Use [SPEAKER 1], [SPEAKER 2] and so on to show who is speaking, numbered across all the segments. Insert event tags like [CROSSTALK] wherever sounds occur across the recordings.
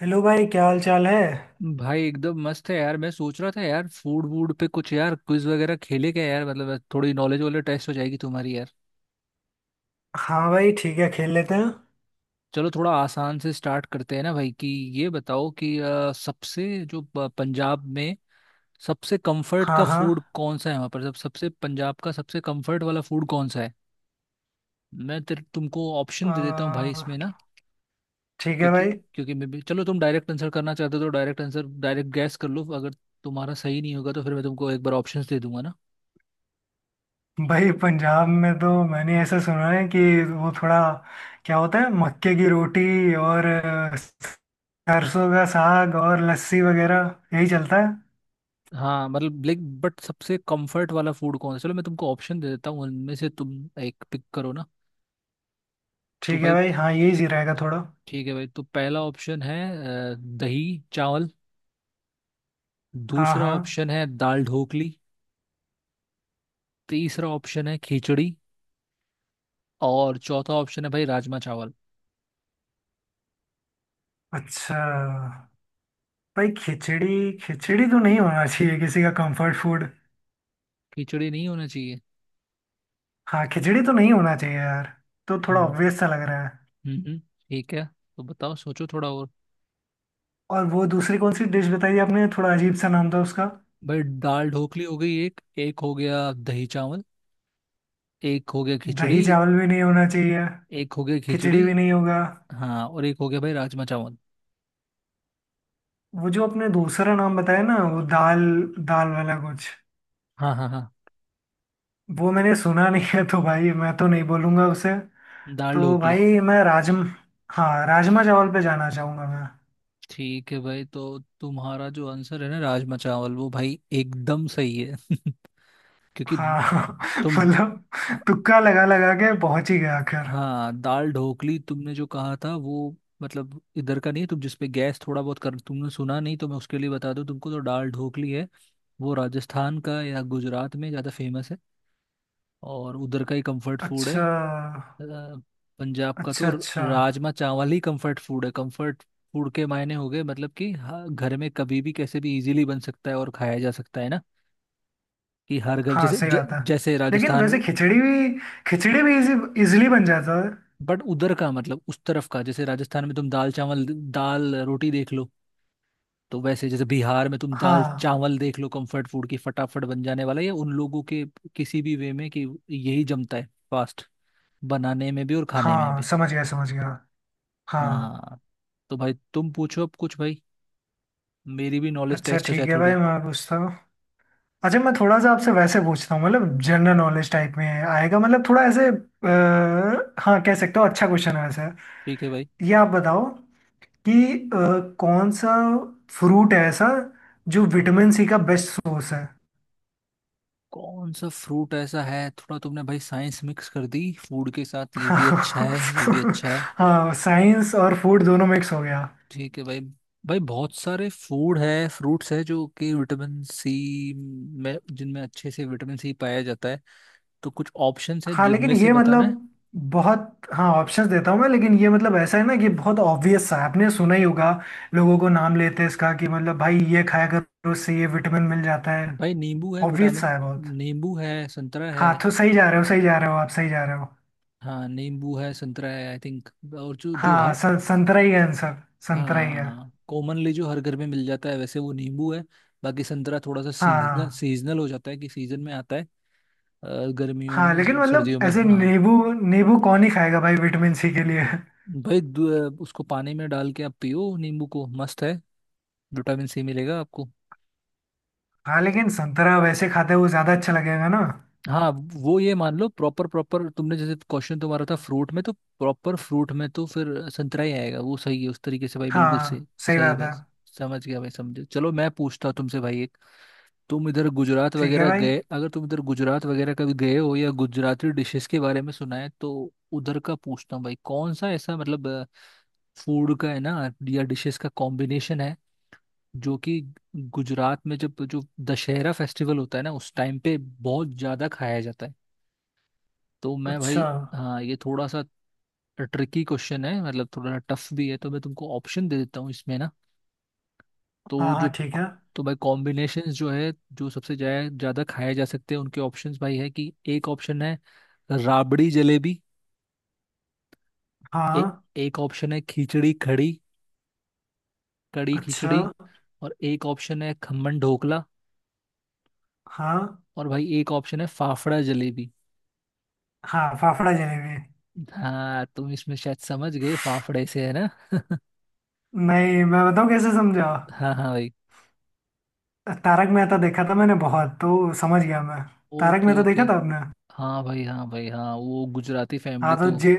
[SPEAKER 1] Hello भाई, क्या हाल चाल है?
[SPEAKER 2] भाई एकदम मस्त है यार। मैं सोच रहा था यार, फूड वूड पे कुछ यार क्विज वगैरह खेले क्या यार। मतलब थोड़ी नॉलेज वाले टेस्ट हो जाएगी तुम्हारी यार।
[SPEAKER 1] हाँ भाई, ठीक है, खेल लेते हैं।
[SPEAKER 2] चलो थोड़ा आसान से स्टार्ट करते हैं ना भाई कि ये बताओ कि सबसे जो पंजाब में सबसे कंफर्ट
[SPEAKER 1] हाँ
[SPEAKER 2] का
[SPEAKER 1] हाँ।
[SPEAKER 2] फूड कौन सा है। वहाँ पर सब सबसे, पंजाब का सबसे कंफर्ट वाला फूड कौन सा है। मैं तेरे तुमको
[SPEAKER 1] अ,
[SPEAKER 2] ऑप्शन दे देता हूँ भाई इसमें ना।
[SPEAKER 1] ठीक है
[SPEAKER 2] क्योंकि
[SPEAKER 1] भाई।
[SPEAKER 2] क्योंकि मैं भी, चलो तुम डायरेक्ट आंसर करना चाहते हो तो डायरेक्ट आंसर, डायरेक्ट गैस कर लो। अगर तुम्हारा सही नहीं होगा तो फिर मैं तुमको एक बार ऑप्शंस दे दूंगा ना।
[SPEAKER 1] भाई पंजाब में तो मैंने ऐसा सुना है कि वो थोड़ा क्या होता है, मक्के की रोटी और सरसों का साग और लस्सी वगैरह, यही चलता है।
[SPEAKER 2] हाँ मतलब लाइक, बट सबसे कंफर्ट वाला फूड कौन सा, चलो मैं तुमको ऑप्शन दे देता हूँ उनमें से तुम एक पिक करो ना। तो
[SPEAKER 1] ठीक है
[SPEAKER 2] भाई
[SPEAKER 1] भाई, हाँ यही जी रहेगा थोड़ा।
[SPEAKER 2] ठीक है भाई, तो पहला ऑप्शन है दही चावल।
[SPEAKER 1] हाँ
[SPEAKER 2] दूसरा
[SPEAKER 1] हाँ।
[SPEAKER 2] ऑप्शन है दाल ढोकली। तीसरा ऑप्शन है खिचड़ी। और चौथा ऑप्शन है भाई राजमा चावल।
[SPEAKER 1] अच्छा। भाई खिचड़ी, खिचड़ी तो नहीं होना चाहिए किसी का कंफर्ट फूड।
[SPEAKER 2] खिचड़ी नहीं होना चाहिए।
[SPEAKER 1] हाँ, खिचड़ी तो नहीं होना चाहिए यार। तो थोड़ा
[SPEAKER 2] हम्म,
[SPEAKER 1] ऑब्वियस सा लग रहा है।
[SPEAKER 2] हम्म, ठीक है। तो बताओ, सोचो थोड़ा और।
[SPEAKER 1] और वो दूसरी कौन सी डिश बताई आपने, थोड़ा अजीब सा नाम था उसका।
[SPEAKER 2] भाई दाल ढोकली हो गई एक। एक हो गया दही चावल। एक हो गया खिचड़ी।
[SPEAKER 1] दही चावल भी नहीं होना चाहिए।
[SPEAKER 2] एक हो गया खिचड़ी।
[SPEAKER 1] खिचड़ी भी नहीं होगा।
[SPEAKER 2] हाँ, और एक हो गया भाई राजमा चावल।
[SPEAKER 1] वो जो आपने दूसरा नाम बताया ना, वो दाल, दाल वाला कुछ।
[SPEAKER 2] हाँ, हाँ, हाँ।
[SPEAKER 1] वो मैंने सुना नहीं है, तो भाई मैं तो नहीं बोलूंगा उसे।
[SPEAKER 2] दाल
[SPEAKER 1] तो
[SPEAKER 2] ढोकली।
[SPEAKER 1] भाई मैं राजम, हाँ राजमा चावल पे जाना चाहूंगा मैं।
[SPEAKER 2] ठीक है भाई, तो तुम्हारा जो आंसर है ना राजमा चावल, वो भाई एकदम सही है [LAUGHS] क्योंकि
[SPEAKER 1] हाँ [LAUGHS]
[SPEAKER 2] तुम
[SPEAKER 1] मतलब,
[SPEAKER 2] ह-
[SPEAKER 1] तुक्का लगा लगा के पहुंच ही गया आखिर।
[SPEAKER 2] हाँ, दाल ढोकली तुमने जो कहा था वो मतलब इधर का नहीं है। तुम जिसपे गैस थोड़ा बहुत कर, तुमने सुना नहीं तो मैं उसके लिए बता दूं तुमको। तो दाल ढोकली है वो राजस्थान का या गुजरात में ज़्यादा फेमस है, और उधर का ही कंफर्ट फूड है।
[SPEAKER 1] अच्छा
[SPEAKER 2] अ, पंजाब का तो
[SPEAKER 1] अच्छा अच्छा।
[SPEAKER 2] राजमा चावल ही कंफर्ट फूड है। कंफर्ट फूड के मायने हो गए मतलब कि, हाँ, घर में कभी भी कैसे भी इजीली बन सकता है और खाया जा सकता है ना। कि हर घर
[SPEAKER 1] हाँ
[SPEAKER 2] जैसे
[SPEAKER 1] सही बात है।
[SPEAKER 2] जैसे
[SPEAKER 1] लेकिन
[SPEAKER 2] राजस्थान में।
[SPEAKER 1] वैसे खिचड़ी भी, खिचड़ी भी इजी, इजिली बन जाता है।
[SPEAKER 2] बट उधर का मतलब उस तरफ का, जैसे राजस्थान में तुम दाल चावल, दाल रोटी देख लो। तो वैसे जैसे बिहार में तुम दाल
[SPEAKER 1] हाँ
[SPEAKER 2] चावल देख लो, कंफर्ट फूड की फटाफट बन जाने वाला ये उन लोगों के किसी भी वे में कि यही जमता है फास्ट, बनाने में भी और खाने में
[SPEAKER 1] हाँ,
[SPEAKER 2] भी।
[SPEAKER 1] समझ गया समझ गया। हाँ।
[SPEAKER 2] हाँ। तो भाई तुम पूछो अब कुछ, भाई मेरी भी नॉलेज
[SPEAKER 1] अच्छा
[SPEAKER 2] टेस्ट हो जाए
[SPEAKER 1] ठीक है भाई,
[SPEAKER 2] थोड़ी।
[SPEAKER 1] मैं पूछता हूँ। अच्छा, मैं थोड़ा सा आपसे वैसे पूछता हूँ, मतलब जनरल नॉलेज टाइप में आएगा, मतलब थोड़ा ऐसे हाँ कह सकते हो, अच्छा क्वेश्चन है वैसे।
[SPEAKER 2] ठीक है भाई।
[SPEAKER 1] ये आप बताओ कि अ, कौन सा फ्रूट है ऐसा जो विटामिन सी का बेस्ट सोर्स है?
[SPEAKER 2] कौन सा फ्रूट ऐसा है, थोड़ा तुमने भाई साइंस मिक्स कर दी फूड के साथ। ये
[SPEAKER 1] [LAUGHS]
[SPEAKER 2] भी अच्छा है, ये भी अच्छा है।
[SPEAKER 1] हाँ, साइंस और फूड दोनों मिक्स हो गया।
[SPEAKER 2] ठीक है भाई। भाई बहुत सारे फूड है, फ्रूट्स है जो कि विटामिन सी में, जिनमें अच्छे से विटामिन सी पाया जाता है। तो कुछ ऑप्शंस है
[SPEAKER 1] हाँ लेकिन
[SPEAKER 2] जिनमें से
[SPEAKER 1] ये
[SPEAKER 2] बताना है।
[SPEAKER 1] मतलब, बहुत, हाँ ऑप्शंस देता हूँ मैं, लेकिन ये मतलब ऐसा है ना कि बहुत ऑब्वियस सा है, आपने सुना ही होगा लोगों को, नाम लेते हैं इसका कि मतलब भाई ये खाया करो, उससे ये विटामिन मिल जाता है।
[SPEAKER 2] भाई नींबू है
[SPEAKER 1] ऑब्वियस सा
[SPEAKER 2] विटामिन,
[SPEAKER 1] है बहुत।
[SPEAKER 2] नींबू है, संतरा है।
[SPEAKER 1] हाँ तो सही जा रहे हो, सही जा रहे हो आप, सही जा रहे हो।
[SPEAKER 2] हाँ नींबू है, संतरा है, आई थिंक। और जो जो
[SPEAKER 1] हाँ
[SPEAKER 2] हर,
[SPEAKER 1] संतरा ही है आंसर, संतरा ही है।
[SPEAKER 2] हाँ कॉमनली जो हर घर में मिल जाता है वैसे वो नींबू है। बाकी संतरा थोड़ा सा
[SPEAKER 1] हाँ
[SPEAKER 2] सीजनल,
[SPEAKER 1] हाँ
[SPEAKER 2] सीजनल हो जाता है कि सीजन में आता है। अ, गर्मियों
[SPEAKER 1] हाँ। लेकिन
[SPEAKER 2] में,
[SPEAKER 1] मतलब
[SPEAKER 2] सर्दियों में,
[SPEAKER 1] ऐसे
[SPEAKER 2] हाँ।
[SPEAKER 1] नींबू, नींबू कौन ही खाएगा भाई विटामिन सी के लिए।
[SPEAKER 2] भाई उसको पानी में डाल के आप पियो नींबू को, मस्त है, विटामिन सी मिलेगा आपको।
[SPEAKER 1] हाँ लेकिन संतरा वैसे खाते हुए ज़्यादा अच्छा लगेगा ना।
[SPEAKER 2] हाँ, वो ये मान लो प्रॉपर, प्रॉपर तुमने जैसे क्वेश्चन तुम्हारा था फ्रूट में, तो प्रॉपर फ्रूट में तो फिर संतरा ही आएगा। वो सही है उस तरीके से भाई, बिल्कुल सही,
[SPEAKER 1] हाँ सही
[SPEAKER 2] सही
[SPEAKER 1] बात
[SPEAKER 2] भाई।
[SPEAKER 1] है।
[SPEAKER 2] समझ गया भाई, समझे। चलो मैं पूछता हूँ तुमसे भाई एक। तुम इधर गुजरात
[SPEAKER 1] ठीक है
[SPEAKER 2] वगैरह
[SPEAKER 1] भाई।
[SPEAKER 2] गए, अगर तुम इधर गुजरात वगैरह कभी गए हो या गुजराती डिशेस के बारे में सुना है तो उधर का पूछता हूँ भाई। कौन सा ऐसा मतलब फूड का है ना, या डिशेस का कॉम्बिनेशन है जो कि गुजरात में, जब जो दशहरा फेस्टिवल होता है ना, उस टाइम पे बहुत ज्यादा खाया जाता है। तो मैं
[SPEAKER 1] अच्छा।
[SPEAKER 2] भाई, हाँ ये थोड़ा सा ट्रिकी क्वेश्चन है, मतलब थोड़ा टफ भी है, तो मैं तुमको ऑप्शन दे देता हूँ इसमें ना।
[SPEAKER 1] हाँ
[SPEAKER 2] तो
[SPEAKER 1] हाँ
[SPEAKER 2] जो,
[SPEAKER 1] ठीक है।
[SPEAKER 2] तो भाई कॉम्बिनेशंस जो है, जो सबसे ज्यादा ज्यादा खाए जा सकते हैं उनके ऑप्शंस भाई है कि, एक ऑप्शन है राबड़ी जलेबी। ए,
[SPEAKER 1] हाँ।
[SPEAKER 2] एक ऑप्शन है खिचड़ी कड़ी, कड़ी
[SPEAKER 1] अच्छा।
[SPEAKER 2] खिचड़ी। और एक ऑप्शन है खमन ढोकला।
[SPEAKER 1] हाँ
[SPEAKER 2] और भाई एक ऑप्शन है फाफड़ा जलेबी।
[SPEAKER 1] हाँ, फाफड़ा जलेबी।
[SPEAKER 2] हाँ तुम इसमें शायद समझ गए फाफड़े से, है ना [LAUGHS]
[SPEAKER 1] नहीं, मैं बताऊँ कैसे समझा।
[SPEAKER 2] हाँ, हाँ भाई।
[SPEAKER 1] तारक मेहता देखा था मैंने बहुत, तो समझ गया मैं। Tarak
[SPEAKER 2] okay
[SPEAKER 1] Mehta
[SPEAKER 2] okay.
[SPEAKER 1] देखा था आपने।
[SPEAKER 2] हाँ भाई, हाँ भाई, हाँ वो गुजराती
[SPEAKER 1] हाँ
[SPEAKER 2] फैमिली
[SPEAKER 1] तो
[SPEAKER 2] तो।
[SPEAKER 1] जे,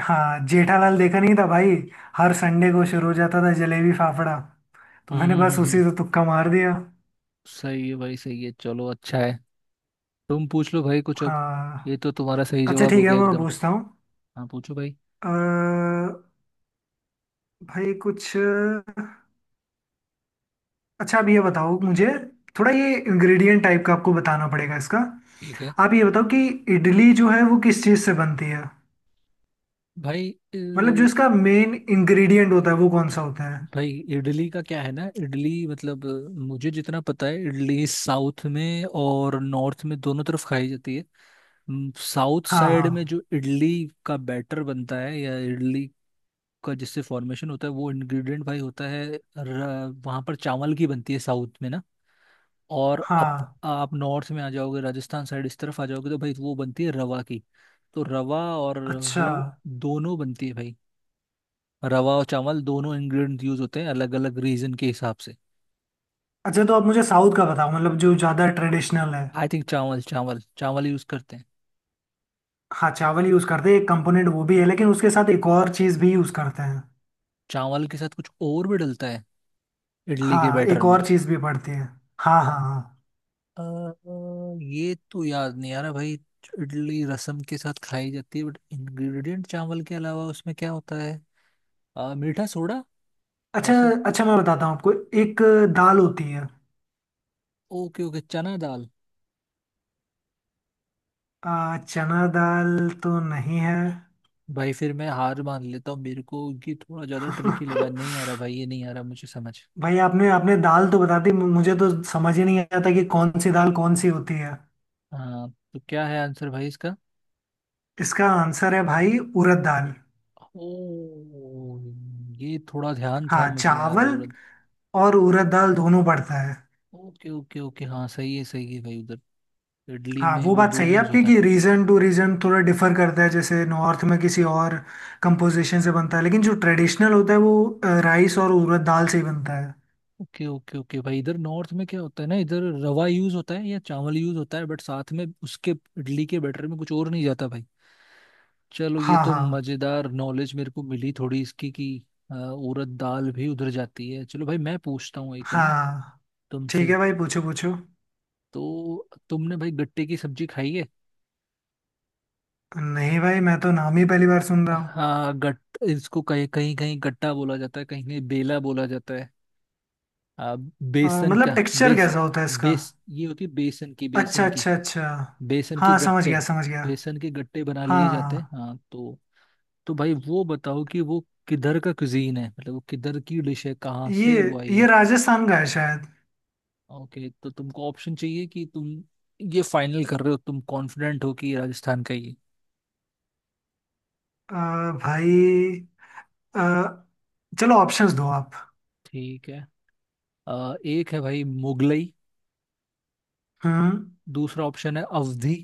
[SPEAKER 1] हाँ जेठालाल देखा नहीं था भाई, हर संडे को शुरू हो जाता था जलेबी फाफड़ा, तो
[SPEAKER 2] हम्म,
[SPEAKER 1] मैंने
[SPEAKER 2] हम्म,
[SPEAKER 1] बस
[SPEAKER 2] हम्म,
[SPEAKER 1] उसी से तुक्का मार दिया।
[SPEAKER 2] सही है भाई, सही है, चलो अच्छा है। तुम पूछ लो भाई कुछ अब। ये
[SPEAKER 1] हाँ।
[SPEAKER 2] तो तुम्हारा सही
[SPEAKER 1] अच्छा
[SPEAKER 2] जवाब
[SPEAKER 1] ठीक
[SPEAKER 2] हो
[SPEAKER 1] है,
[SPEAKER 2] गया
[SPEAKER 1] मैं
[SPEAKER 2] एकदम।
[SPEAKER 1] पूछता हूँ।
[SPEAKER 2] हाँ, पूछो भाई।
[SPEAKER 1] अ, भाई कुछ, अच्छा अब ये बताओ मुझे, थोड़ा ये इंग्रेडिएंट टाइप का आपको बताना पड़ेगा इसका।
[SPEAKER 2] ठीक है
[SPEAKER 1] आप ये बताओ कि इडली जो है वो किस चीज़ से बनती है,
[SPEAKER 2] भाई।
[SPEAKER 1] मतलब जो इसका मेन इंग्रेडिएंट होता है वो कौन सा होता है?
[SPEAKER 2] भाई इडली का क्या है ना, इडली मतलब मुझे जितना पता है, इडली साउथ में और नॉर्थ में दोनों तरफ खाई जाती है। साउथ
[SPEAKER 1] हाँ
[SPEAKER 2] साइड में
[SPEAKER 1] हाँ
[SPEAKER 2] जो इडली का बैटर बनता है, या इडली का जिससे फॉर्मेशन होता है वो इंग्रेडिएंट भाई होता है वहाँ पर चावल की बनती है साउथ में ना। और अप
[SPEAKER 1] हाँ।
[SPEAKER 2] आप नॉर्थ में आ जाओगे, राजस्थान साइड इस तरफ आ जाओगे, तो भाई वो बनती है रवा की। तो रवा और
[SPEAKER 1] अच्छा
[SPEAKER 2] वो दोनों बनती है भाई। रवा और चावल दोनों इंग्रेडिएंट यूज होते हैं अलग अलग रीजन के हिसाब से।
[SPEAKER 1] अच्छा, तो आप मुझे साउथ का बताओ, मतलब जो ज़्यादा ट्रेडिशनल है।
[SPEAKER 2] आई थिंक चावल, चावल चावल यूज करते हैं।
[SPEAKER 1] हाँ चावल यूज़ करते हैं, एक कंपोनेंट वो भी है, लेकिन उसके साथ एक और चीज़ भी यूज़ करते हैं।
[SPEAKER 2] चावल के साथ कुछ और भी डलता है इडली के
[SPEAKER 1] हाँ,
[SPEAKER 2] बैटर
[SPEAKER 1] एक
[SPEAKER 2] में।
[SPEAKER 1] और चीज़ भी पड़ती है। हाँ हाँ हाँ।
[SPEAKER 2] अ, ये तो याद नहीं आ रहा भाई। इडली रसम के साथ खाई जाती है, बट इंग्रेडिएंट चावल के अलावा उसमें क्या होता है। मीठा सोडा
[SPEAKER 1] अच्छा
[SPEAKER 2] ऐसा।
[SPEAKER 1] अच्छा, मैं बताता हूँ आपको। एक दाल होती है।
[SPEAKER 2] ओके ओके, चना दाल।
[SPEAKER 1] चना दाल तो नहीं है।
[SPEAKER 2] भाई फिर मैं हार मान लेता हूँ, मेरे को ये थोड़ा ज्यादा ट्रिकी लगा, नहीं आ रहा भाई
[SPEAKER 1] [LAUGHS]
[SPEAKER 2] ये, नहीं आ रहा मुझे समझ।
[SPEAKER 1] भाई आपने, आपने दाल तो बता दी, मुझे तो समझ ही नहीं आता कि कौन सी दाल कौन सी होती है।
[SPEAKER 2] हाँ तो क्या है आंसर भाई इसका।
[SPEAKER 1] इसका आंसर है भाई, उड़द दाल।
[SPEAKER 2] ओ, ये थोड़ा ध्यान था
[SPEAKER 1] हाँ,
[SPEAKER 2] मुझे यार,
[SPEAKER 1] चावल
[SPEAKER 2] औरत।
[SPEAKER 1] और उड़द दाल दोनों पड़ता है।
[SPEAKER 2] ओके ओके ओके, हाँ सही है, सही है भाई। उधर इडली
[SPEAKER 1] हाँ
[SPEAKER 2] में
[SPEAKER 1] वो
[SPEAKER 2] वो
[SPEAKER 1] बात सही
[SPEAKER 2] दोनों
[SPEAKER 1] है
[SPEAKER 2] यूज
[SPEAKER 1] आपकी,
[SPEAKER 2] होता है।
[SPEAKER 1] कि रीजन टू रीजन थोड़ा डिफर करता है, जैसे नॉर्थ में किसी और कंपोजिशन से बनता है, लेकिन जो ट्रेडिशनल होता है वो राइस और उड़द दाल से ही बनता है।
[SPEAKER 2] ओके ओके ओके भाई, इधर नॉर्थ में क्या होता है ना, इधर रवा यूज होता है या चावल यूज होता है, बट साथ में उसके इडली के बैटर में कुछ और नहीं जाता भाई। चलो ये
[SPEAKER 1] हाँ
[SPEAKER 2] तो
[SPEAKER 1] हाँ
[SPEAKER 2] मजेदार नॉलेज मेरे को मिली थोड़ी इसकी कि उड़द दाल भी उधर जाती है। चलो भाई मैं पूछता हूँ एक ना
[SPEAKER 1] हाँ। ठीक
[SPEAKER 2] तुमसे।
[SPEAKER 1] है भाई, पूछो पूछो।
[SPEAKER 2] तो तुमने भाई गट्टे की सब्जी खाई है।
[SPEAKER 1] नहीं भाई, मैं तो नाम ही पहली बार सुन रहा हूँ।
[SPEAKER 2] हाँ, गट इसको कहीं कहीं कहीं गट्टा बोला जाता है, कहीं कहीं बेला बोला जाता है। आ, बेसन क्या,
[SPEAKER 1] मतलब टेक्सचर
[SPEAKER 2] बेस
[SPEAKER 1] कैसा होता है इसका?
[SPEAKER 2] बेस ये होती है बेसन की,
[SPEAKER 1] अच्छा
[SPEAKER 2] बेसन की।
[SPEAKER 1] अच्छा अच्छा।
[SPEAKER 2] बेसन के
[SPEAKER 1] हाँ समझ
[SPEAKER 2] गट्टे
[SPEAKER 1] गया समझ गया।
[SPEAKER 2] बेसन के गट्टे बना लिए जाते हैं,
[SPEAKER 1] हाँ।
[SPEAKER 2] हाँ। तो भाई वो बताओ कि वो किधर का कुजीन है, मतलब वो किधर की डिश है, कहाँ
[SPEAKER 1] ये
[SPEAKER 2] से वो आई
[SPEAKER 1] ये
[SPEAKER 2] है।
[SPEAKER 1] राजस्थान का है शायद।
[SPEAKER 2] ओके, तो तुमको ऑप्शन चाहिए कि तुम ये फाइनल कर रहे हो, तुम कॉन्फिडेंट हो कि ये राजस्थान का ही है।
[SPEAKER 1] अ, भाई, अ, चलो ऑप्शंस दो आप।
[SPEAKER 2] ठीक है। एक है भाई मुगलई।
[SPEAKER 1] हम्म।
[SPEAKER 2] दूसरा ऑप्शन है अवधी।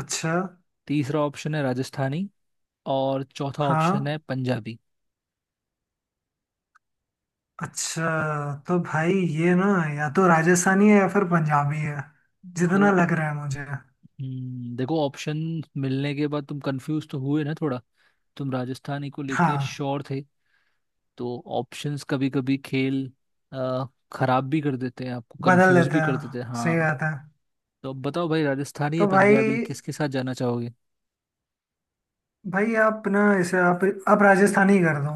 [SPEAKER 1] अच्छा।
[SPEAKER 2] तीसरा ऑप्शन है राजस्थानी। और चौथा ऑप्शन
[SPEAKER 1] हाँ।
[SPEAKER 2] है पंजाबी।
[SPEAKER 1] अच्छा, तो भाई ये ना, या तो राजस्थानी है या फिर पंजाबी है, जितना
[SPEAKER 2] मतलब,
[SPEAKER 1] लग रहा है मुझे।
[SPEAKER 2] देखो ऑप्शन मिलने के बाद तुम कंफ्यूज तो हुए ना थोड़ा। तुम राजस्थानी को लेके
[SPEAKER 1] हाँ,
[SPEAKER 2] श्योर थे। तो ऑप्शंस कभी कभी खेल अ, खराब भी कर देते हैं, आपको
[SPEAKER 1] बदल
[SPEAKER 2] कंफ्यूज
[SPEAKER 1] लेते
[SPEAKER 2] भी कर देते
[SPEAKER 1] हैं,
[SPEAKER 2] हैं,
[SPEAKER 1] सही
[SPEAKER 2] हाँ।
[SPEAKER 1] बात है।
[SPEAKER 2] तो अब बताओ भाई, राजस्थानी या
[SPEAKER 1] तो भाई,
[SPEAKER 2] पंजाबी, किसके साथ जाना चाहोगे।
[SPEAKER 1] भाई आप ना इसे आप राजस्थानी कर दो।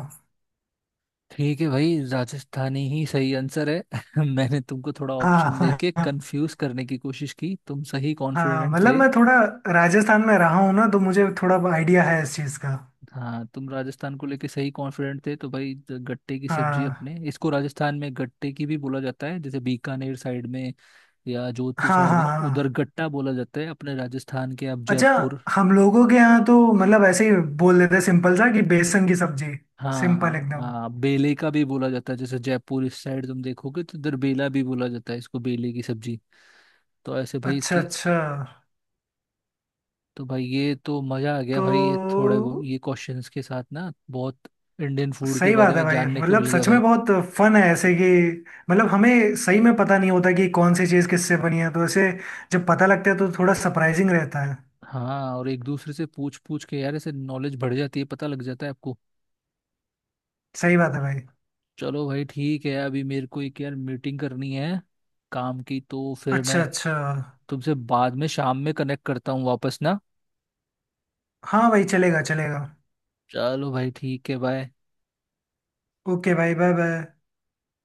[SPEAKER 2] ठीक है भाई, राजस्थानी ही सही आंसर है [LAUGHS] मैंने तुमको थोड़ा ऑप्शन
[SPEAKER 1] हाँ
[SPEAKER 2] देके
[SPEAKER 1] [LAUGHS]
[SPEAKER 2] कंफ्यूज करने की कोशिश की, तुम सही
[SPEAKER 1] हाँ
[SPEAKER 2] कॉन्फिडेंट
[SPEAKER 1] मतलब,
[SPEAKER 2] थे।
[SPEAKER 1] मैं थोड़ा राजस्थान में रहा हूँ ना, तो मुझे थोड़ा आइडिया है इस चीज़ का।
[SPEAKER 2] हाँ तुम राजस्थान को लेके सही कॉन्फिडेंट थे, तो भाई गट्टे की सब्जी, अपने
[SPEAKER 1] हाँ
[SPEAKER 2] इसको राजस्थान में गट्टे की भी बोला जाता है, जैसे बीकानेर साइड में या जोधपुर
[SPEAKER 1] हाँ
[SPEAKER 2] साइड
[SPEAKER 1] हाँ
[SPEAKER 2] में उधर
[SPEAKER 1] हाँ।
[SPEAKER 2] गट्टा बोला जाता है। अपने राजस्थान के अब
[SPEAKER 1] अच्छा,
[SPEAKER 2] जयपुर,
[SPEAKER 1] हम लोगों के यहाँ तो मतलब ऐसे ही बोल देते हैं, सिंपल सा कि बेसन की सब्जी। सिंपल
[SPEAKER 2] हाँ,
[SPEAKER 1] एकदम।
[SPEAKER 2] हाँ, बेले का भी बोला जाता है, जैसे जयपुर इस साइड तुम देखोगे तो इधर बेला भी बोला जाता है इसको, बेले की सब्जी। तो ऐसे भाई
[SPEAKER 1] अच्छा
[SPEAKER 2] इसकी।
[SPEAKER 1] अच्छा।
[SPEAKER 2] तो भाई ये तो मजा आ गया
[SPEAKER 1] तो
[SPEAKER 2] भाई, ये थोड़े ये क्वेश्चंस के साथ ना, बहुत इंडियन फूड के
[SPEAKER 1] सही
[SPEAKER 2] बारे
[SPEAKER 1] बात है
[SPEAKER 2] में
[SPEAKER 1] भाई,
[SPEAKER 2] जानने को
[SPEAKER 1] मतलब
[SPEAKER 2] मिल गया
[SPEAKER 1] सच में
[SPEAKER 2] भाई।
[SPEAKER 1] बहुत फन है ऐसे कि, मतलब हमें सही में पता नहीं होता कि कौन सी चीज़ किससे बनी है, तो ऐसे जब पता लगता है तो थोड़ा सरप्राइजिंग रहता है।
[SPEAKER 2] हाँ, और एक दूसरे से पूछ पूछ के यार ऐसे नॉलेज बढ़ जाती है, पता लग जाता है आपको।
[SPEAKER 1] सही बात है भाई।
[SPEAKER 2] चलो भाई ठीक है, अभी मेरे को एक यार मीटिंग करनी है काम की, तो फिर
[SPEAKER 1] अच्छा
[SPEAKER 2] मैं
[SPEAKER 1] अच्छा।
[SPEAKER 2] तुमसे बाद में शाम में कनेक्ट करता हूँ वापस ना।
[SPEAKER 1] हाँ भाई चलेगा चलेगा।
[SPEAKER 2] चलो भाई ठीक है, बाय।
[SPEAKER 1] ओके भाई, बाय बाय।